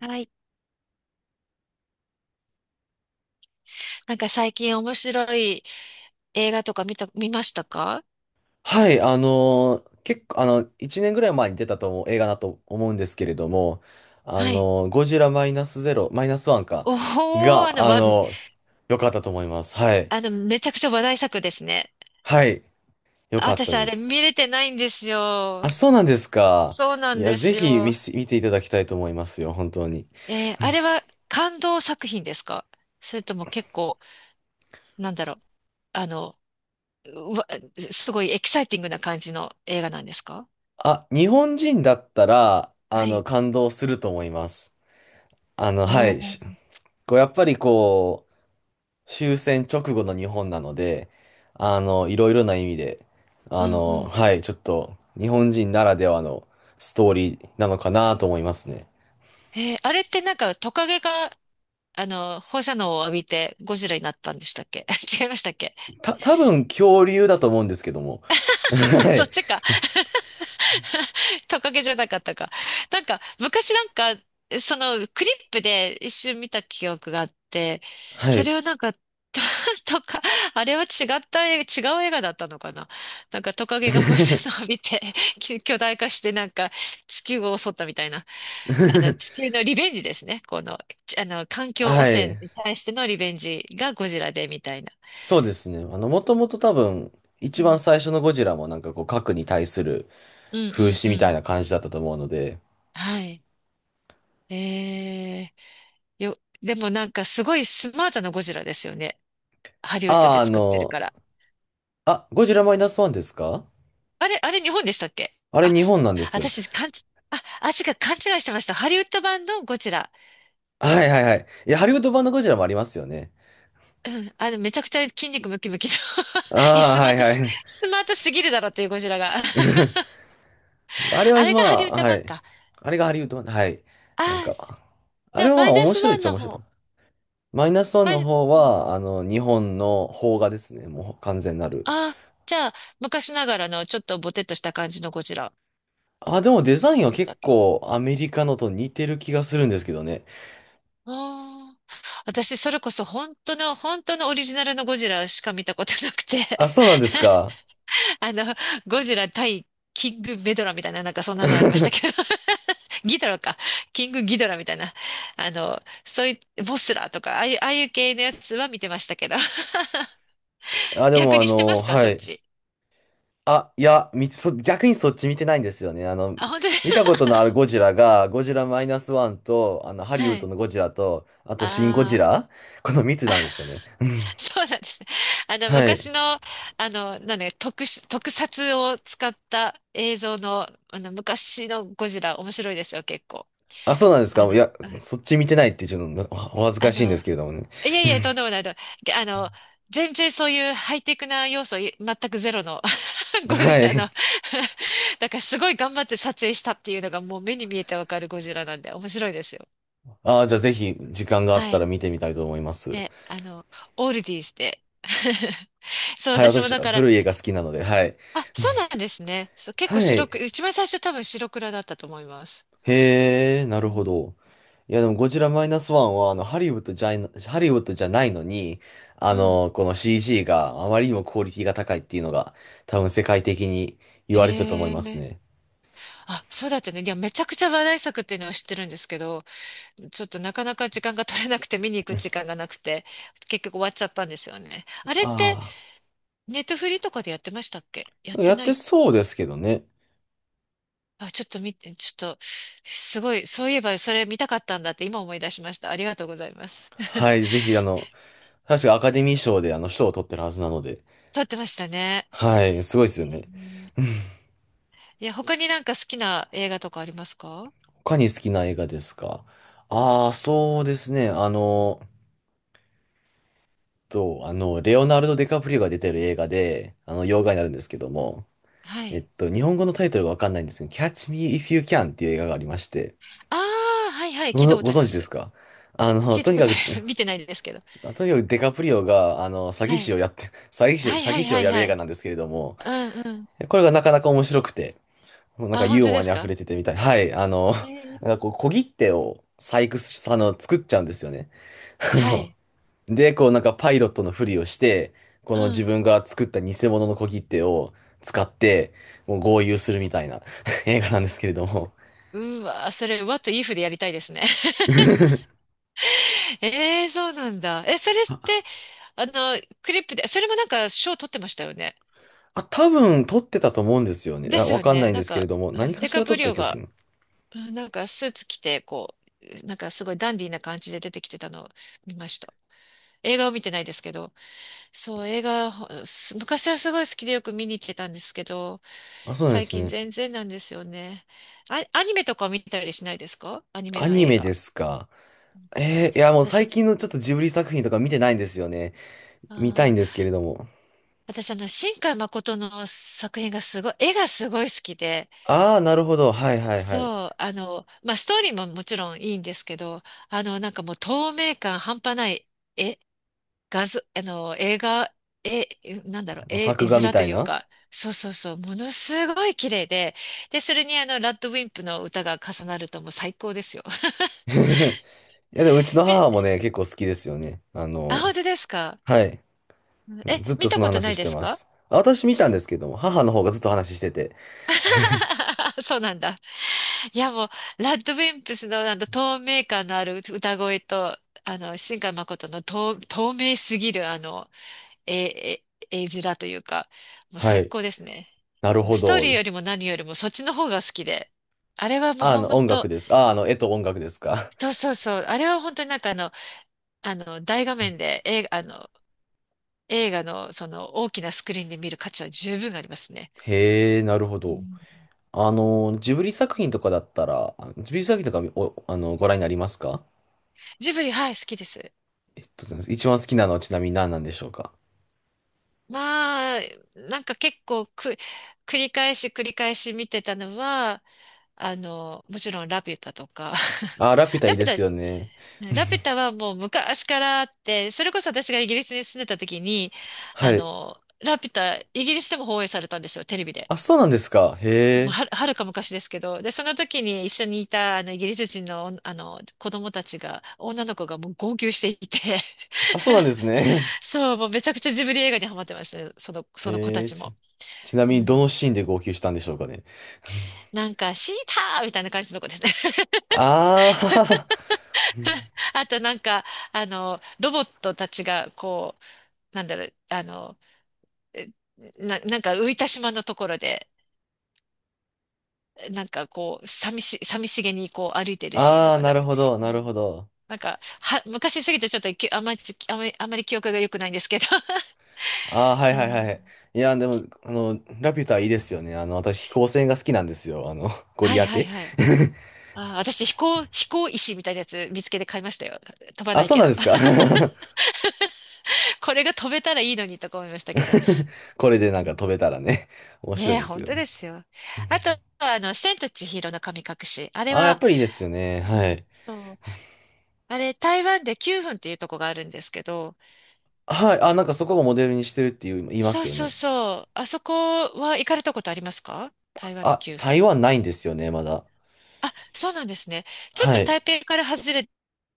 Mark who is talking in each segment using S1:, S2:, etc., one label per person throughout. S1: はい。なんか最近面白い映画とか見た、見ましたか？
S2: はい、結構、1年ぐらい前に出たと思う映画だと思うんですけれども、
S1: はい。
S2: ゴジラマイナスゼロ、マイナスワンか、
S1: おお、あ
S2: が、
S1: の、わ、
S2: 良かったと思います。はい。
S1: あの、めちゃくちゃ話題作ですね。
S2: はい、良
S1: あ、
S2: かっ
S1: 私、
S2: た
S1: あ
S2: で
S1: れ
S2: す。
S1: 見れてないんですよ。
S2: あ、そうなんですか。
S1: そうな
S2: い
S1: ん
S2: や、
S1: で
S2: ぜ
S1: す
S2: ひ
S1: よ。
S2: 見ていただきたいと思いますよ、本当に。
S1: あれは感動作品ですか？それとも結構、なんだろう。あの、うわ、すごいエキサイティングな感じの映画なんですか？
S2: あ、日本人だったら、
S1: はい。
S2: 感動すると思います。は
S1: お
S2: い。
S1: お。
S2: こう、やっぱりこう、終戦直後の日本なので、いろいろな意味で、
S1: うんうん。
S2: はい、ちょっと日本人ならではのストーリーなのかなと思いますね。
S1: あれってなんかトカゲが放射能を浴びてゴジラになったんでしたっけ？ 違いましたっけ？
S2: 多分恐竜だと思うんですけども。は
S1: そっ
S2: い。
S1: ちか。 トカゲじゃなかったか。なんか、昔なんか、その、クリップで一瞬見た記憶があって、
S2: は
S1: そ
S2: い。
S1: れをなんか、と、とか、あれは違った映画、違う映画だったのかな？なんかトカゲが放射能を 浴びて、巨大化してなんか地球を襲ったみたいな。あの、地球のリベンジですね。この、ちあの、環境汚
S2: はい。
S1: 染に対してのリベンジがゴジラでみたいな。
S2: そうですね。もともと多分、
S1: う
S2: 一番
S1: ん
S2: 最初のゴジラもなんかこう、核に対する
S1: うん
S2: 風刺
S1: うんう
S2: みたい
S1: ん。
S2: な感じだったと思うので、
S1: はい。えー、よ、でもなんかすごいスマートなゴジラですよね。ハリウッド
S2: あ
S1: で
S2: あ、
S1: 作ってるから。
S2: ゴジラマイナスワンですか？
S1: あれ、あれ日本でしたっけ？
S2: あれ
S1: あ、
S2: 日本なんですよね？
S1: 私、勘違い、あ、あ、違う、勘違いしてました。ハリウッド版のゴジラ。
S2: はいはいはい。いや、ハリウッド版のゴジラもありますよね。
S1: うん。あの、めちゃくちゃ筋肉ムキムキの え、
S2: ああ、
S1: スマ
S2: は
S1: ー
S2: い
S1: ト
S2: は
S1: す、
S2: い。
S1: スマートすぎるだろっていうゴジラが
S2: あれは
S1: あれ
S2: ま
S1: がハリウッ
S2: あ、
S1: ド
S2: は
S1: 版
S2: い。
S1: か。
S2: あれがハリウッド版、はい。なん
S1: ああ、
S2: か、あ
S1: じゃあ
S2: れは
S1: マ
S2: ま
S1: イ
S2: あ
S1: ナ
S2: 面
S1: ス
S2: 白い
S1: ワ
S2: っ
S1: ン
S2: ちゃ
S1: の
S2: 面白い。
S1: 方。
S2: マイナスワン
S1: マイ
S2: の
S1: ナ、
S2: 方は、日本の邦画ですね。もう完全なる。
S1: ああー、じゃあ昔ながらのちょっとボテッとした感じのゴジラ
S2: あ、でもデザインは
S1: でしたっ
S2: 結
S1: け？
S2: 構アメリカのと似てる気がするんですけどね。
S1: ああ、私、それこそ本当の、本当のオリジナルのゴジラしか見たことなくて
S2: あ、そうなんですか。
S1: あの、ゴジラ対キングメドラみたいな、なんかそんなのありましたけど。 ギドラか。キングギドラみたいな。あの、そういう、モスラとか、ああいう系のやつは見てましたけど。
S2: あ、でも
S1: 逆にしてますか、
S2: は
S1: そっ
S2: い。
S1: ち。
S2: あ、いや、見て、そ、逆にそっち見てないんですよね。
S1: あ、本当に。
S2: 見た ことのあるゴジラが、ゴジラマイナスワンと、ハリウッ
S1: は
S2: ド
S1: い。
S2: のゴジラと、あと、シン・ゴジ
S1: ああ。
S2: ラ、この3つなんですよね。
S1: そうなんですね。あの、
S2: はい。
S1: 昔の、あの、なんだよ特殊、特撮を使った映像の、あの、昔のゴジラ、面白いですよ、結構。
S2: あ、そうなんですか。
S1: あ
S2: い
S1: の、
S2: や、
S1: うん、
S2: そっち見てないってちょっと恥ず
S1: あ
S2: かしいんで
S1: の、
S2: すけれどもね。
S1: いやいや、とんでもないと。げあの、全然そういうハイテクな要素全くゼロの ゴジ
S2: は
S1: ラの
S2: い。
S1: だからすごい頑張って撮影したっていうのがもう目に見えてわかるゴジラなんで、面白いですよ。
S2: ああ、じゃあぜひ、時間があっ
S1: は
S2: たら
S1: い。
S2: 見てみたいと思います。
S1: で、あの、オールディーズで。そう、
S2: はい、
S1: 私も
S2: 私、
S1: だから、
S2: 古い映画好きなので、はい。
S1: あ、そうなんですね。そう、結構
S2: は
S1: 白
S2: い。
S1: く、一番最初多分白黒だったと思います。
S2: へえ、なるほど。いや、でも、ゴジラマイナスワンは、ハリウッドじゃないのに、
S1: うん。
S2: この CG があまりにもクオリティが高いっていうのが、多分世界的に言
S1: へ
S2: われてたと思います
S1: え。
S2: ね。
S1: あ、そうだったね。いや、めちゃくちゃ話題作っていうのは知ってるんですけど、ちょっとなかなか時間が取れなくて見に行く時間がなくて、結局終わっちゃったんですよね。あれって、
S2: あ
S1: ネットフリとかでやってましたっけ？やっ
S2: あ、
S1: て
S2: やっ
S1: な
S2: て
S1: い
S2: そう
S1: か。
S2: ですけどね。
S1: あ、ちょっと見て、ちょっと、すごい、そういえばそれ見たかったんだって今思い出しました。ありがとうございます。
S2: はい、ぜひ、確かアカデミー賞であの賞を取ってるはずなので、
S1: 撮ってましたね。
S2: はい、すごいです
S1: う
S2: よね。
S1: ん。いや、他になんか好きな映画とかありますか？
S2: 他に好きな映画ですか？ああー、そうですね。あの、と、あの、レオナルド・ディカプリオが出てる映画で、洋画になるんですけども、
S1: はい。
S2: 日本語のタイトルがわかんないんですけど、Catch Me If You Can っていう映画がありまして、
S1: ああ、はいはい、聞いたこ
S2: ご
S1: とあり
S2: 存
S1: ま
S2: 知です
S1: す。
S2: か？
S1: 聞い
S2: と
S1: た
S2: に
S1: こ
S2: か
S1: と
S2: く、と
S1: あ
S2: に
S1: る。 見てないですけど。
S2: かくデカプリオが、詐欺
S1: は
S2: 師
S1: い。
S2: をやって、
S1: はい
S2: 詐
S1: は
S2: 欺
S1: い
S2: 師を
S1: はい
S2: やる
S1: は
S2: 映画
S1: い。
S2: なんですけれども、
S1: うんうん。
S2: これがなかなか面白くて、なんか
S1: あ、本
S2: ユー
S1: 当
S2: モ
S1: で
S2: ア
S1: す
S2: に溢
S1: か？
S2: れててみたい。はい、
S1: え ー。
S2: なんかこう、小切手を細工し、作っちゃうんですよね。あ
S1: は
S2: の、
S1: い。
S2: で、こう、なんかパイロットのふりをして、こ
S1: う
S2: の自
S1: ん。
S2: 分が作った偽物の小切手を使って、もう豪遊するみたいな 映画なんですけれども、
S1: うわ、それ、what if でやりたいですね。ええーそうなんだ。え、それっ
S2: あ、
S1: て、あの、クリップで、それもなんか賞取ってましたよね。
S2: 多分撮ってたと思うんですよね。
S1: で
S2: あ、
S1: す
S2: わ
S1: よ
S2: かんな
S1: ね。
S2: いんで
S1: なん
S2: すけれ
S1: か、
S2: ども、
S1: う
S2: 何
S1: ん、
S2: か
S1: デ
S2: し
S1: カ
S2: ら撮
S1: プ
S2: っ
S1: リ
S2: た
S1: オ
S2: 気がす
S1: が、
S2: る。
S1: うん、なんかスーツ着て、なんかすごいダンディーな感じで出てきてたのを見ました。映画を見てないですけど。そう、映画、ほす昔はすごい好きでよく見に行ってたんですけど、
S2: あ、そうなんで
S1: 最
S2: す
S1: 近
S2: ね。
S1: 全然なんですよね。あ、アニメとか見たりしないですか？アニメ
S2: ア
S1: の
S2: ニ
S1: 映
S2: メで
S1: 画。
S2: すか。いやもう最近
S1: 私、
S2: のちょっとジブリ作品とか見てないんですよね。見た
S1: あ
S2: いん
S1: ー、
S2: ですけれども。
S1: 私、あの、新海誠の作品がすごい、絵がすごい好きで、
S2: ああ、なるほど。はいはいはい。
S1: そう、あの、まあ、ストーリーももちろんいいんですけど、あの、なんかもう透明感半端ない絵画像、あの、映画、え、なんだろ
S2: あ
S1: う、
S2: の
S1: 絵、
S2: 作
S1: 絵
S2: 画み
S1: 面と
S2: たい
S1: いう
S2: な。
S1: か、そうそうそう、ものすごい綺麗で、で、それにあの、ラッドウィンプの歌が重なるともう最高ですよ。
S2: いやでもうちの
S1: み、
S2: 母もね、結構好きですよね。
S1: あ、本当ですか？
S2: はい。
S1: え、
S2: ずっと
S1: 見た
S2: その
S1: ことな
S2: 話
S1: い
S2: し
S1: で
S2: て
S1: す
S2: ま
S1: か？
S2: す。あ私見たん
S1: し
S2: ですけども、母の方がずっと話してて。
S1: そうなんだ。いやもう、ラッドウィンプスのあの、透明感のある歌声と、あの、新海誠の透、透明すぎるあの、え、絵面というか、もう
S2: は
S1: 最
S2: い。
S1: 高ですね。
S2: なるほ
S1: ストーリ
S2: ど。
S1: ーよりも何よりもそっちの方が好きで。あれはもう
S2: あ、あ
S1: ほ
S2: の
S1: ん
S2: 音楽
S1: と、
S2: です。あ、あの絵と音楽ですか？
S1: そうそうそう、あれは本当になんかあの、あの、大画面で映画、あの、映画のその大きなスクリーンで見る価値は十分ありますね。
S2: へえ、なるほ
S1: う
S2: ど。
S1: ん。
S2: ジブリ作品とかだったら、ジブリ作品とかお、あの、ご覧になりますか？
S1: ジブリ、はい、好きです。
S2: 一番好きなのはちなみに何なんでしょうか？
S1: まあ、なんか結構く、繰り返し繰り返し見てたのは、あの、もちろんラピュタとか、
S2: あ、ラピュ タい
S1: ラ
S2: い
S1: ピ
S2: で
S1: ュ
S2: すよ
S1: タ、
S2: ね。
S1: ね、ラピュ タはもう昔からあって、それこそ私がイギリスに住んでた時に、
S2: は
S1: あ
S2: い。
S1: の、ラピュタ、イギリスでも放映されたんですよ、テレビで。
S2: あ、そうなんですか。へ
S1: もう
S2: え。
S1: はる、はるか昔ですけど。で、その時に一緒にいた、あの、イギリス人の、あの、子供たちが、女の子がもう号泣していて、
S2: あ、そうなんです ね。
S1: そう、もうめちゃくちゃジブリ映画にハマってましたね、その子
S2: へ
S1: た
S2: えー、
S1: ちも。
S2: ちな
S1: う
S2: みにどの
S1: ん、
S2: シーンで号泣したんでしょうかね。
S1: なんか、シーターみたいな感じの子ですね。
S2: あー
S1: あと、なんか、あの、ロボットたちが、こう、なんだろう、あの、えなんか浮いた島のところで、なんかこう、寂しげにこう歩いて るシーンと
S2: あー、
S1: か
S2: な
S1: な、
S2: るほど、
S1: う
S2: なる
S1: ん、
S2: ほど。
S1: なんか、は、昔すぎてちょっときあまり、あまり、あまり記憶が良くないんですけど。
S2: あー、はい
S1: う
S2: はいはい。
S1: ん。
S2: いや、でも、ラピュタいいですよね。私、飛行船が好きなんですよ。ゴ
S1: は
S2: リ
S1: い
S2: ア
S1: はい
S2: テ。
S1: はい。あー、私飛行、飛行石みたいなやつ見つけて買いましたよ。飛ばな
S2: あ、
S1: い
S2: そう
S1: け
S2: なん
S1: ど。
S2: ですか。
S1: これが飛べたらいいのにとか思いましたけど。
S2: これで
S1: う
S2: なんか
S1: ん。
S2: 飛べたらね、面白い
S1: ね
S2: ん
S1: え、
S2: ですけ
S1: 本
S2: ど
S1: 当
S2: ね。
S1: ですよ。
S2: うん。
S1: あと、あの、千と千尋の神隠し。あれ
S2: あ、やっ
S1: は、
S2: ぱりいいですよね。
S1: う
S2: は
S1: ん、
S2: い。
S1: そう。あれ、台湾で9分っていうとこがあるんですけど、
S2: はい。あ、なんかそこをモデルにしてるっていう言いま
S1: そ
S2: す
S1: う
S2: よ
S1: そう
S2: ね。
S1: そう。あそこは行かれたことありますか？台湾の
S2: あ、
S1: 9
S2: 台
S1: 分。
S2: 湾ないんですよね、まだ。
S1: あ、そうなんですね。ちょっ
S2: は
S1: と
S2: い。
S1: 台北から外れ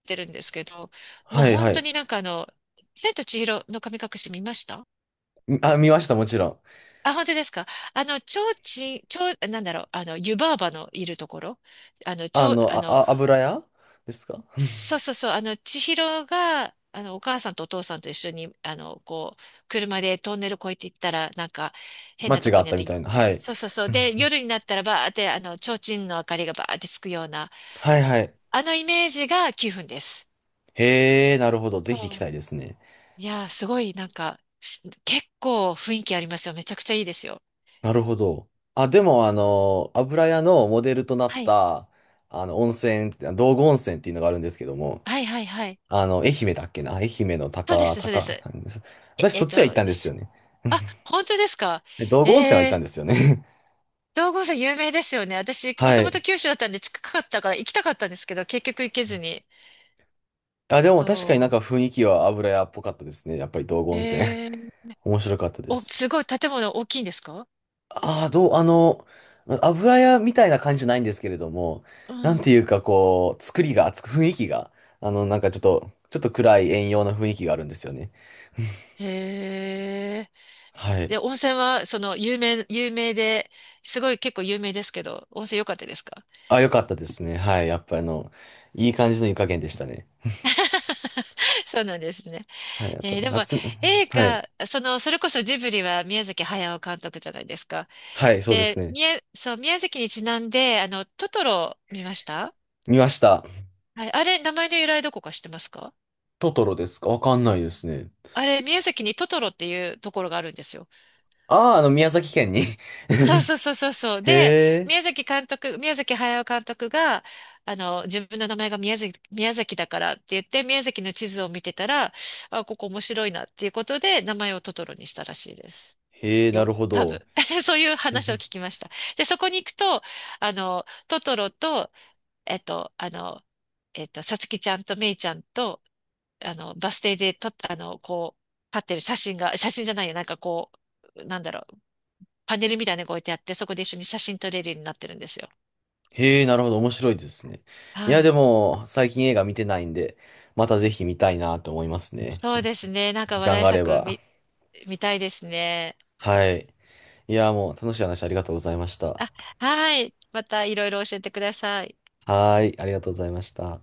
S1: てるんですけど、もう
S2: はい、
S1: 本
S2: は
S1: 当
S2: い。
S1: になんかあの、千と千尋の神隠し見ました？
S2: あ、見ました、もちろん。
S1: あ、本当ですか？あの、ちょうちん、ちょう、なんだろう、あの、湯婆婆のいるところ、あの、ち
S2: あ
S1: ょう、
S2: の、
S1: あ
S2: あ、
S1: の、
S2: あ、油屋ですか？
S1: そうそうそう、あの、千尋が、あの、お母さんとお父さんと一緒に、あの、こう、車でトンネル越えていったら、なんか、変な
S2: 街
S1: と
S2: が
S1: こ
S2: あっ
S1: にあっ
S2: たみ
S1: て、
S2: たいな。はい。
S1: そうそうそう。で、夜になったらばーって、あの、提灯の明かりがばーってつくような、
S2: はい、はい。
S1: あのイメージが9分です。
S2: へえ、なるほど。ぜひ行
S1: そ
S2: き
S1: う。
S2: たいですね。
S1: いやー、すごい、なんか、結構雰囲気ありますよ。めちゃくちゃいいですよ。
S2: なるほど。あ、でも、油屋のモデルとな
S1: は
S2: っ
S1: い。
S2: た、温泉、道後温泉っていうのがあるんですけども、
S1: はいはいはい。
S2: 愛媛だっけな？愛媛の
S1: そうです、そうです。
S2: なんです？
S1: え、
S2: 私
S1: え
S2: そ
S1: っ
S2: っちは行っ
S1: と、
S2: たんですよ
S1: し
S2: ね。
S1: あ、本当ですか？
S2: 道後温泉は行った
S1: え
S2: んで
S1: ー、
S2: すよね。
S1: 道後温泉有名ですよね。私、も
S2: は
S1: とも
S2: い。
S1: と九州だったんで近かったから行きたかったんですけど、結局行けずに。
S2: あ、でも確かになん
S1: そ
S2: か雰囲気は油屋っぽかったですね。やっぱり道後
S1: う。
S2: 温泉。
S1: へえ。
S2: 面白かったで
S1: お、
S2: す。
S1: すごい、建物大きいんですか？
S2: ああ、どう、あの、油屋みたいな感じじゃないんですけれども、
S1: う
S2: なんて
S1: ん。
S2: いうかこう、作りが、つく雰囲気が、なんかちょっと、ちょっと暗い遠洋な雰囲気があるんですよね。
S1: へえ。
S2: はい。
S1: で、温泉は、その、有名で、すごい結構有名ですけど、温泉良かったですか？
S2: あ、よかったですね。はい。やっぱりいい感じの湯加減でしたね。
S1: そうなんですね。
S2: はい。あと、
S1: でも、
S2: 夏、
S1: 映
S2: はい。
S1: 画、その、それこそジブリは宮崎駿監督じゃないですか。
S2: はい、そうです
S1: で、
S2: ね。
S1: 宮、そう、宮崎にちなんで、あの、トトロ見ました？
S2: 見ました。
S1: はい、あれ、名前の由来どこか知ってますか？
S2: トトロですか？わかんないですね。
S1: あれ、宮崎にトトロっていうところがあるんですよ。
S2: ああ、宮崎県に
S1: そうそうそうそうそう。
S2: へ
S1: で、
S2: え、
S1: 宮崎駿監督が、あの、自分の名前が宮崎だからって言って、宮崎の地図を見てたら、あ、ここ面白いなっていうことで、名前をトトロにしたらしいです。
S2: へえ、な
S1: よ、
S2: るほ
S1: 多
S2: ど。
S1: 分。そういう話を 聞きました。で、そこに行くと、あの、トトロと、えっと、あの、えっと、さつきちゃんとめいちゃんと、あの、バス停で撮った、あの、こう、立ってる写真が、写真じゃないや、う、なんだろう、パネルみたいなのが置いてあって、そこで一緒に写真撮れるようになってるんですよ。
S2: へえ、なるほど。面白いですね。いや、
S1: は
S2: で
S1: い。
S2: も、最近映画見てないんで、またぜひ見たいなと思いますね。
S1: そうですね。なんか
S2: 時
S1: 話
S2: 間
S1: 題
S2: があれ
S1: 作
S2: ば。
S1: 見、見たいですね。
S2: はい。いや、もう楽しい話ありがとうございました。
S1: あ、はい。またいろいろ教えてください。
S2: はーい、ありがとうございました。